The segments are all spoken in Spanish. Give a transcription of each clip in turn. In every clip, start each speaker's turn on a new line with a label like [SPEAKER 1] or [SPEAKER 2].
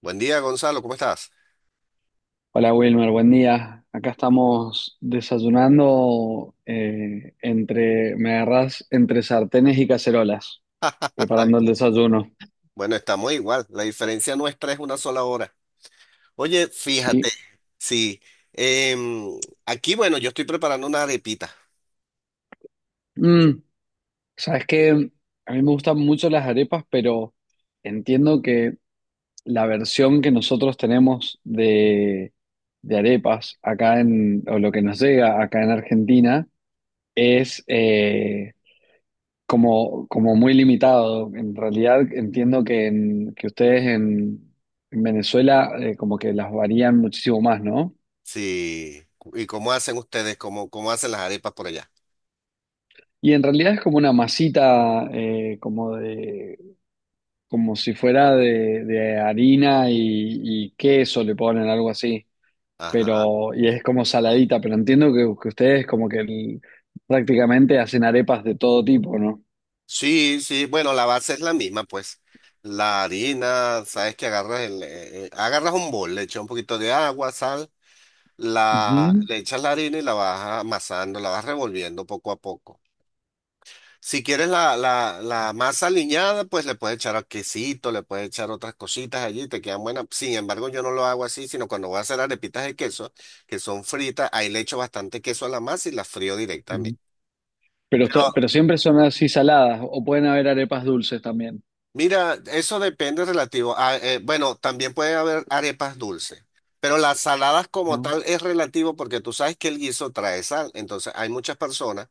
[SPEAKER 1] Buen día, Gonzalo, ¿cómo estás?
[SPEAKER 2] Hola Wilmer, buen día. Acá estamos desayunando me agarrás entre sartenes y cacerolas, preparando el desayuno.
[SPEAKER 1] Bueno, estamos igual, la diferencia nuestra es una sola hora. Oye, fíjate,
[SPEAKER 2] Sí.
[SPEAKER 1] sí, em, aquí, bueno, yo estoy preparando una arepita,
[SPEAKER 2] Mm, sabes que a mí me gustan mucho las arepas, pero entiendo que la versión que nosotros tenemos de arepas o lo que nos llega acá en Argentina, es como muy limitado. En realidad entiendo que ustedes en Venezuela como que las varían muchísimo más, ¿no?
[SPEAKER 1] sí. ¿Y cómo hacen ustedes? ¿Cómo hacen las arepas por allá?
[SPEAKER 2] Y en realidad es como una masita, como si fuera de harina y queso le ponen algo así.
[SPEAKER 1] Ajá,
[SPEAKER 2] Y es como saladita, pero entiendo que ustedes como prácticamente hacen arepas de todo tipo, ¿no?
[SPEAKER 1] sí, sí, bueno, la base es la misma, pues, la harina. Sabes que agarras el, agarras un bol, le echas un poquito de agua, sal,
[SPEAKER 2] Ujú,
[SPEAKER 1] le echas la harina y la vas amasando, la vas revolviendo poco a poco. Si quieres la masa aliñada, pues le puedes echar quesito, le puedes echar otras cositas allí, te quedan buenas. Sin embargo, yo no lo hago así, sino cuando voy a hacer arepitas de queso, que son fritas, ahí le echo bastante queso a la masa y las frío directamente.
[SPEAKER 2] ujú. Pero siempre son así saladas, o pueden haber arepas dulces también.
[SPEAKER 1] Mira, eso depende relativo a, bueno, también puede haber arepas dulces, pero las saladas como tal es relativo porque tú sabes que el guiso trae sal, entonces hay muchas personas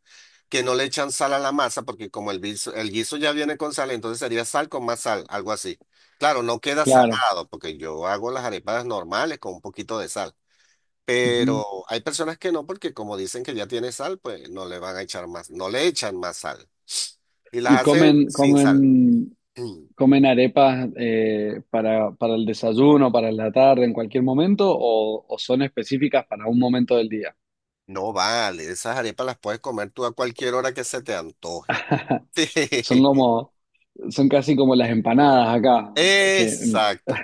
[SPEAKER 1] que no le echan sal a la masa porque como el guiso ya viene con sal, entonces sería sal con más sal, algo así. Claro, no queda
[SPEAKER 2] Claro.
[SPEAKER 1] salado porque yo hago las arepas normales con un poquito de sal, pero
[SPEAKER 2] Ujú.
[SPEAKER 1] hay personas que no porque como dicen que ya tiene sal, pues no le van a echar más, no le echan más sal y
[SPEAKER 2] Y
[SPEAKER 1] las hacen sin sal.
[SPEAKER 2] comen arepas para el desayuno, para la tarde, en cualquier momento, o son específicas para un momento del día.
[SPEAKER 1] No vale, esas arepas las puedes comer tú a cualquier hora que se te antoje. Sí.
[SPEAKER 2] Son como, son casi como las empanadas acá. Que,
[SPEAKER 1] Exacto,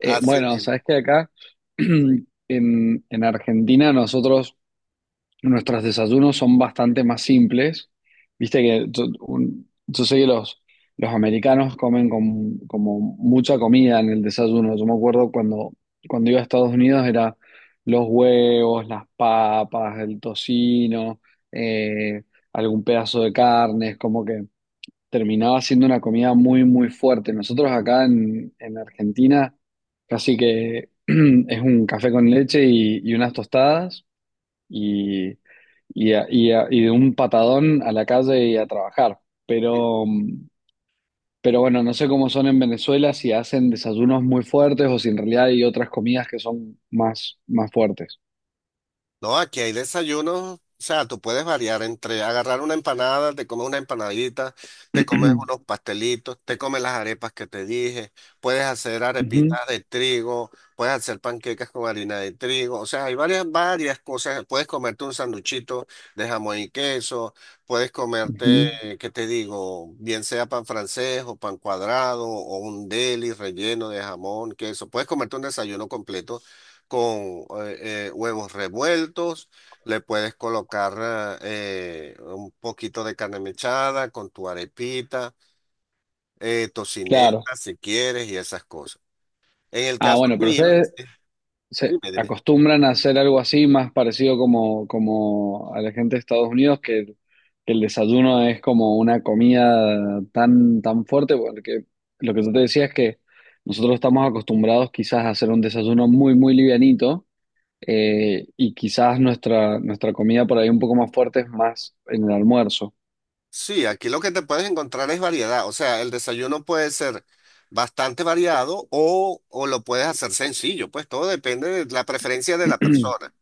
[SPEAKER 1] así
[SPEAKER 2] bueno,
[SPEAKER 1] mismo.
[SPEAKER 2] sabes que acá en Argentina nosotros, nuestros desayunos son bastante más simples. Viste que yo sé que los americanos comen como mucha comida en el desayuno. Yo me acuerdo cuando iba a Estados Unidos era los huevos, las papas, el tocino, eh, algún pedazo de carne. Es como que terminaba siendo una comida muy, muy fuerte. Nosotros acá en Argentina casi que es un café con leche y unas tostadas y, y de un patadón a la calle y a trabajar. Pero, mm, pero bueno, no sé cómo son en Venezuela, si hacen desayunos muy fuertes o si en realidad hay otras comidas que son más, más fuertes.
[SPEAKER 1] No, aquí hay desayunos, o sea, tú puedes variar entre agarrar una empanada, te comes una empanadita, te comes unos pastelitos, te comes las arepas que te dije, puedes hacer
[SPEAKER 2] Ujú,
[SPEAKER 1] arepitas de trigo, puedes hacer panquecas con harina de trigo, o sea, hay varias cosas, puedes comerte un sanduchito de jamón y queso, puedes comerte,
[SPEAKER 2] ujú.
[SPEAKER 1] ¿qué te digo? Bien sea pan francés o pan cuadrado o un deli relleno de jamón, queso. Puedes comerte un desayuno completo con huevos revueltos, le puedes colocar un poquito de carne mechada con tu arepita,
[SPEAKER 2] Claro.
[SPEAKER 1] tocineta si quieres y esas cosas. En el
[SPEAKER 2] Ah,
[SPEAKER 1] caso
[SPEAKER 2] bueno, pero
[SPEAKER 1] mío,
[SPEAKER 2] ustedes
[SPEAKER 1] sí.
[SPEAKER 2] se
[SPEAKER 1] Dime, dime.
[SPEAKER 2] acostumbran a hacer algo así, más parecido como, como a la gente de Estados Unidos, que el desayuno es como una comida tan, tan fuerte, porque lo que yo te decía es que nosotros estamos acostumbrados quizás a hacer un desayuno muy, muy livianito, y quizás nuestra, nuestra comida por ahí un poco más fuerte es más en el almuerzo.
[SPEAKER 1] Sí, aquí lo que te puedes encontrar es variedad, o sea, el desayuno puede ser bastante variado o lo puedes hacer sencillo, pues todo depende de la preferencia de la persona.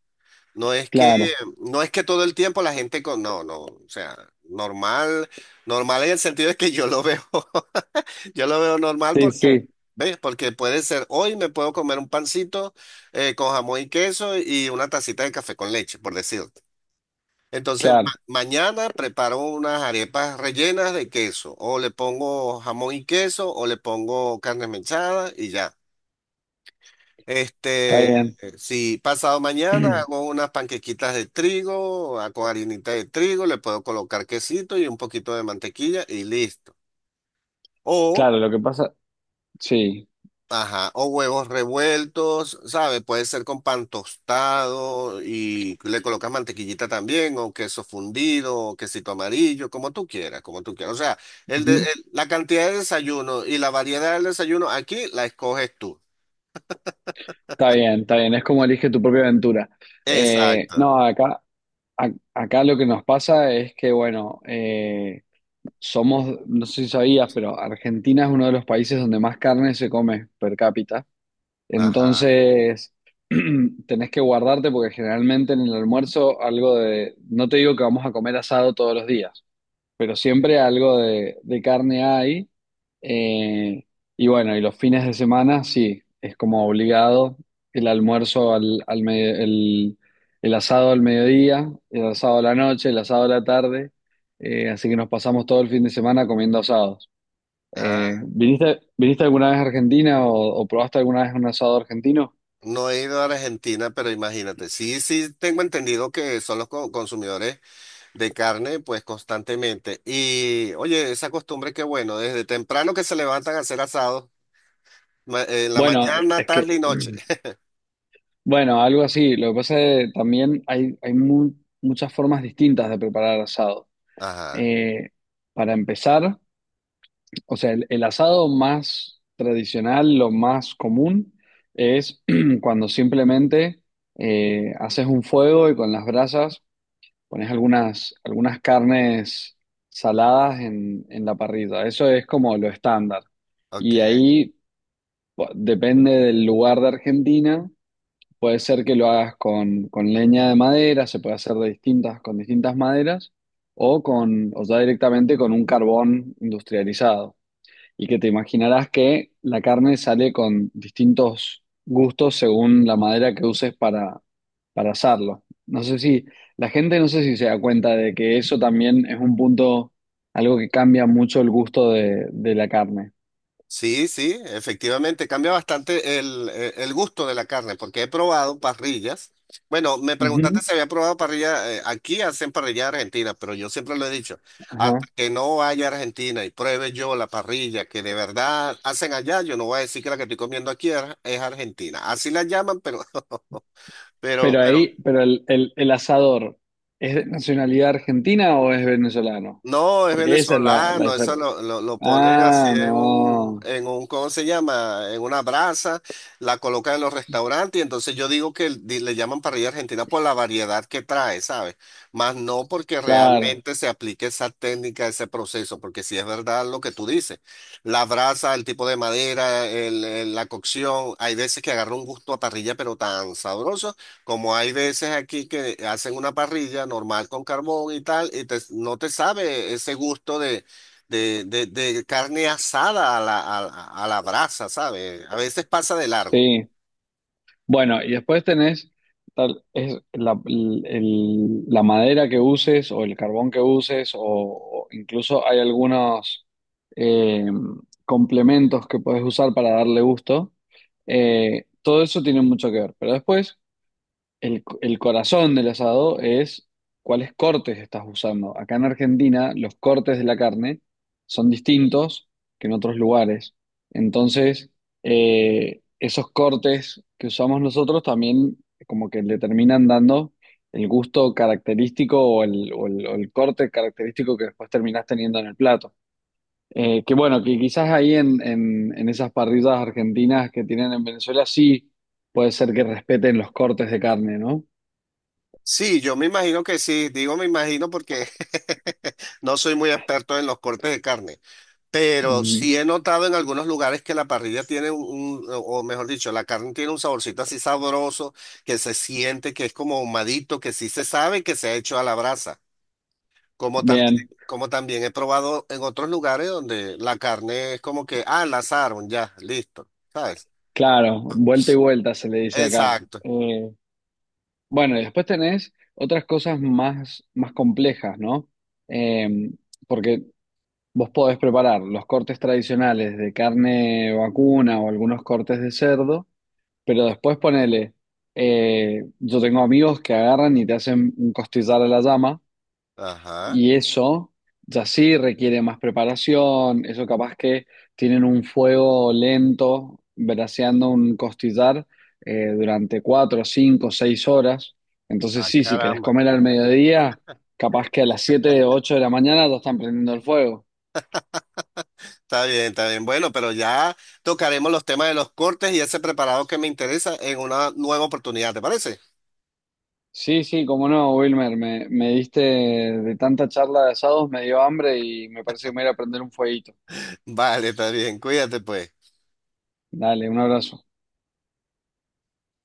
[SPEAKER 1] No es que,
[SPEAKER 2] Claro,
[SPEAKER 1] no es que todo el tiempo la gente con, no, no, o sea, normal, normal en el sentido de que yo lo veo, yo lo veo normal
[SPEAKER 2] sí,
[SPEAKER 1] porque,
[SPEAKER 2] sí,
[SPEAKER 1] ¿ves? Porque puede ser, hoy me puedo comer un pancito con jamón y queso y una tacita de café con leche, por decirte. Entonces,
[SPEAKER 2] claro,
[SPEAKER 1] mañana preparo unas arepas rellenas de queso, o le pongo jamón y queso, o le pongo carne mechada y ya.
[SPEAKER 2] está
[SPEAKER 1] Este,
[SPEAKER 2] bien.
[SPEAKER 1] si pasado mañana hago unas panquequitas de trigo, ah, con harinita de trigo, le puedo colocar quesito y un poquito de mantequilla y listo. O,
[SPEAKER 2] Claro, lo que pasa, sí.
[SPEAKER 1] ajá, o huevos revueltos, ¿sabe? Puede ser con pan tostado y le colocas mantequillita también, o queso fundido, o quesito amarillo, como tú quieras, como tú quieras. O sea,
[SPEAKER 2] Ujú.
[SPEAKER 1] la cantidad de desayuno y la variedad del desayuno aquí la escoges tú.
[SPEAKER 2] Está bien, es como elige tu propia aventura.
[SPEAKER 1] Exacto.
[SPEAKER 2] No, acá, a- acá lo que nos pasa es que, somos, no sé si sabías, pero Argentina es uno de los países donde más carne se come per cápita.
[SPEAKER 1] Ajá.
[SPEAKER 2] Entonces, tenés que guardarte porque generalmente en el almuerzo no te digo que vamos a comer asado todos los días, pero siempre algo de carne hay. Eh, y bueno, y los fines de semana sí, es como obligado el almuerzo al, al medio- el asado al mediodía, el asado a la noche, el asado a la tarde. Así que nos pasamos todo el fin de semana comiendo asados. ¿ Viniste alguna vez a Argentina o probaste alguna vez un asado argentino?
[SPEAKER 1] No he ido a Argentina, pero imagínate, sí, sí tengo entendido que son los consumidores de carne, pues constantemente. Y oye, esa costumbre que bueno, desde temprano que se levantan a hacer asados, en la
[SPEAKER 2] Bueno,
[SPEAKER 1] mañana,
[SPEAKER 2] es que,
[SPEAKER 1] tarde y noche.
[SPEAKER 2] bueno, algo así. Lo que pasa es que también muchas formas distintas de preparar asado.
[SPEAKER 1] Ajá,
[SPEAKER 2] Eh, para empezar, o sea, el asado más tradicional, lo más común, es cuando simplemente haces un fuego y con las brasas pones algunas carnes saladas en la parrilla. Eso es como lo estándar.
[SPEAKER 1] ok.
[SPEAKER 2] Y ahí depende del lugar de Argentina. Puede ser que lo hagas con leña de madera, se puede hacer con distintas maderas, o ya directamente con un carbón industrializado. Y que te imaginarás que la carne sale con distintos gustos según la madera que uses para asarlo. No sé si, la gente no sé si se da cuenta de que eso también es algo que cambia mucho el gusto de la carne.
[SPEAKER 1] Sí, sí, efectivamente, cambia bastante el gusto de la carne, porque he probado parrillas. Bueno, me preguntaste
[SPEAKER 2] Ujú,
[SPEAKER 1] si había probado parrilla, aquí hacen parrilla argentina, pero yo siempre lo he dicho, hasta
[SPEAKER 2] ajá.
[SPEAKER 1] que no vaya a Argentina y pruebe yo la parrilla que de verdad hacen allá, yo no voy a decir que la que estoy comiendo aquí es argentina. Así la llaman, pero,
[SPEAKER 2] Pero
[SPEAKER 1] pero
[SPEAKER 2] ahí, el asador, ¿es de nacionalidad argentina o es venezolano?
[SPEAKER 1] No, es
[SPEAKER 2] Porque esa es la
[SPEAKER 1] venezolano, eso
[SPEAKER 2] diferencia.
[SPEAKER 1] lo ponen así
[SPEAKER 2] Ah, no,
[SPEAKER 1] en un, ¿cómo se llama? En una brasa, la colocan en los restaurantes y entonces yo digo que le llaman parrilla argentina por la variedad que trae, ¿sabes? Más no porque
[SPEAKER 2] claro,
[SPEAKER 1] realmente se aplique esa técnica, ese proceso, porque si es verdad lo que tú dices, la brasa, el tipo de madera, la cocción, hay veces que agarra un gusto a parrilla pero tan sabroso como hay veces aquí que hacen una parrilla normal con carbón y tal, y no te sabe ese gusto de, de carne asada a la, a la brasa, ¿sabes? A veces pasa de largo.
[SPEAKER 2] sí. Bueno, y después tenés tal, es la madera que uses o el carbón que uses o incluso hay algunos eh, complementos que puedes usar para darle gusto. Todo eso tiene mucho que ver. Pero después… el corazón del asado es cuáles cortes estás usando. Acá en Argentina, los cortes de la carne son distintos que en otros lugares. Entonces, esos cortes que usamos nosotros también como que le terminan dando el gusto característico o el corte característico que después terminás teniendo en el plato. Que bueno, que quizás ahí en esas parrillas argentinas que tienen en Venezuela sí puede ser que respeten los cortes de carne, ¿no?
[SPEAKER 1] Sí, yo me imagino que sí, digo me imagino porque no soy muy experto en los cortes de carne, pero
[SPEAKER 2] Mm,
[SPEAKER 1] sí he notado en algunos lugares que la parrilla tiene un, o mejor dicho, la carne tiene un saborcito así sabroso que se siente que es como ahumadito, que sí se sabe que se ha hecho a la brasa. Como tam
[SPEAKER 2] bien,
[SPEAKER 1] como también he probado en otros lugares donde la carne es como que, ah, la asaron, ya, listo, ¿sabes?
[SPEAKER 2] claro, vuelta y vuelta se le dice acá.
[SPEAKER 1] Exacto.
[SPEAKER 2] Bueno, y después tenés otras cosas más, más complejas, ¿no? Eh, porque vos podés preparar los cortes tradicionales de carne vacuna o algunos cortes de cerdo, pero después ponele, yo tengo amigos que agarran y te hacen un costillar a la llama.
[SPEAKER 1] Ajá.
[SPEAKER 2] Y eso ya sí requiere más preparación, eso capaz que tienen un fuego lento, braseando un costillar durante 4, 5, 6 horas. Entonces
[SPEAKER 1] Ah,
[SPEAKER 2] sí, si querés
[SPEAKER 1] caramba.
[SPEAKER 2] comer al mediodía, capaz que a las 7, 8 de la mañana ya están prendiendo el fuego.
[SPEAKER 1] Está bien, está bien. Bueno, pero ya tocaremos los temas de los cortes y ese preparado que me interesa en una nueva oportunidad, ¿te parece?
[SPEAKER 2] Sí, sí, cómo no, Wilmer, me diste de tanta charla de asados, me dio hambre y me parece que me voy a ir a prender un fueguito.
[SPEAKER 1] Vale, está bien. Cuídate, pues.
[SPEAKER 2] Dale, un abrazo.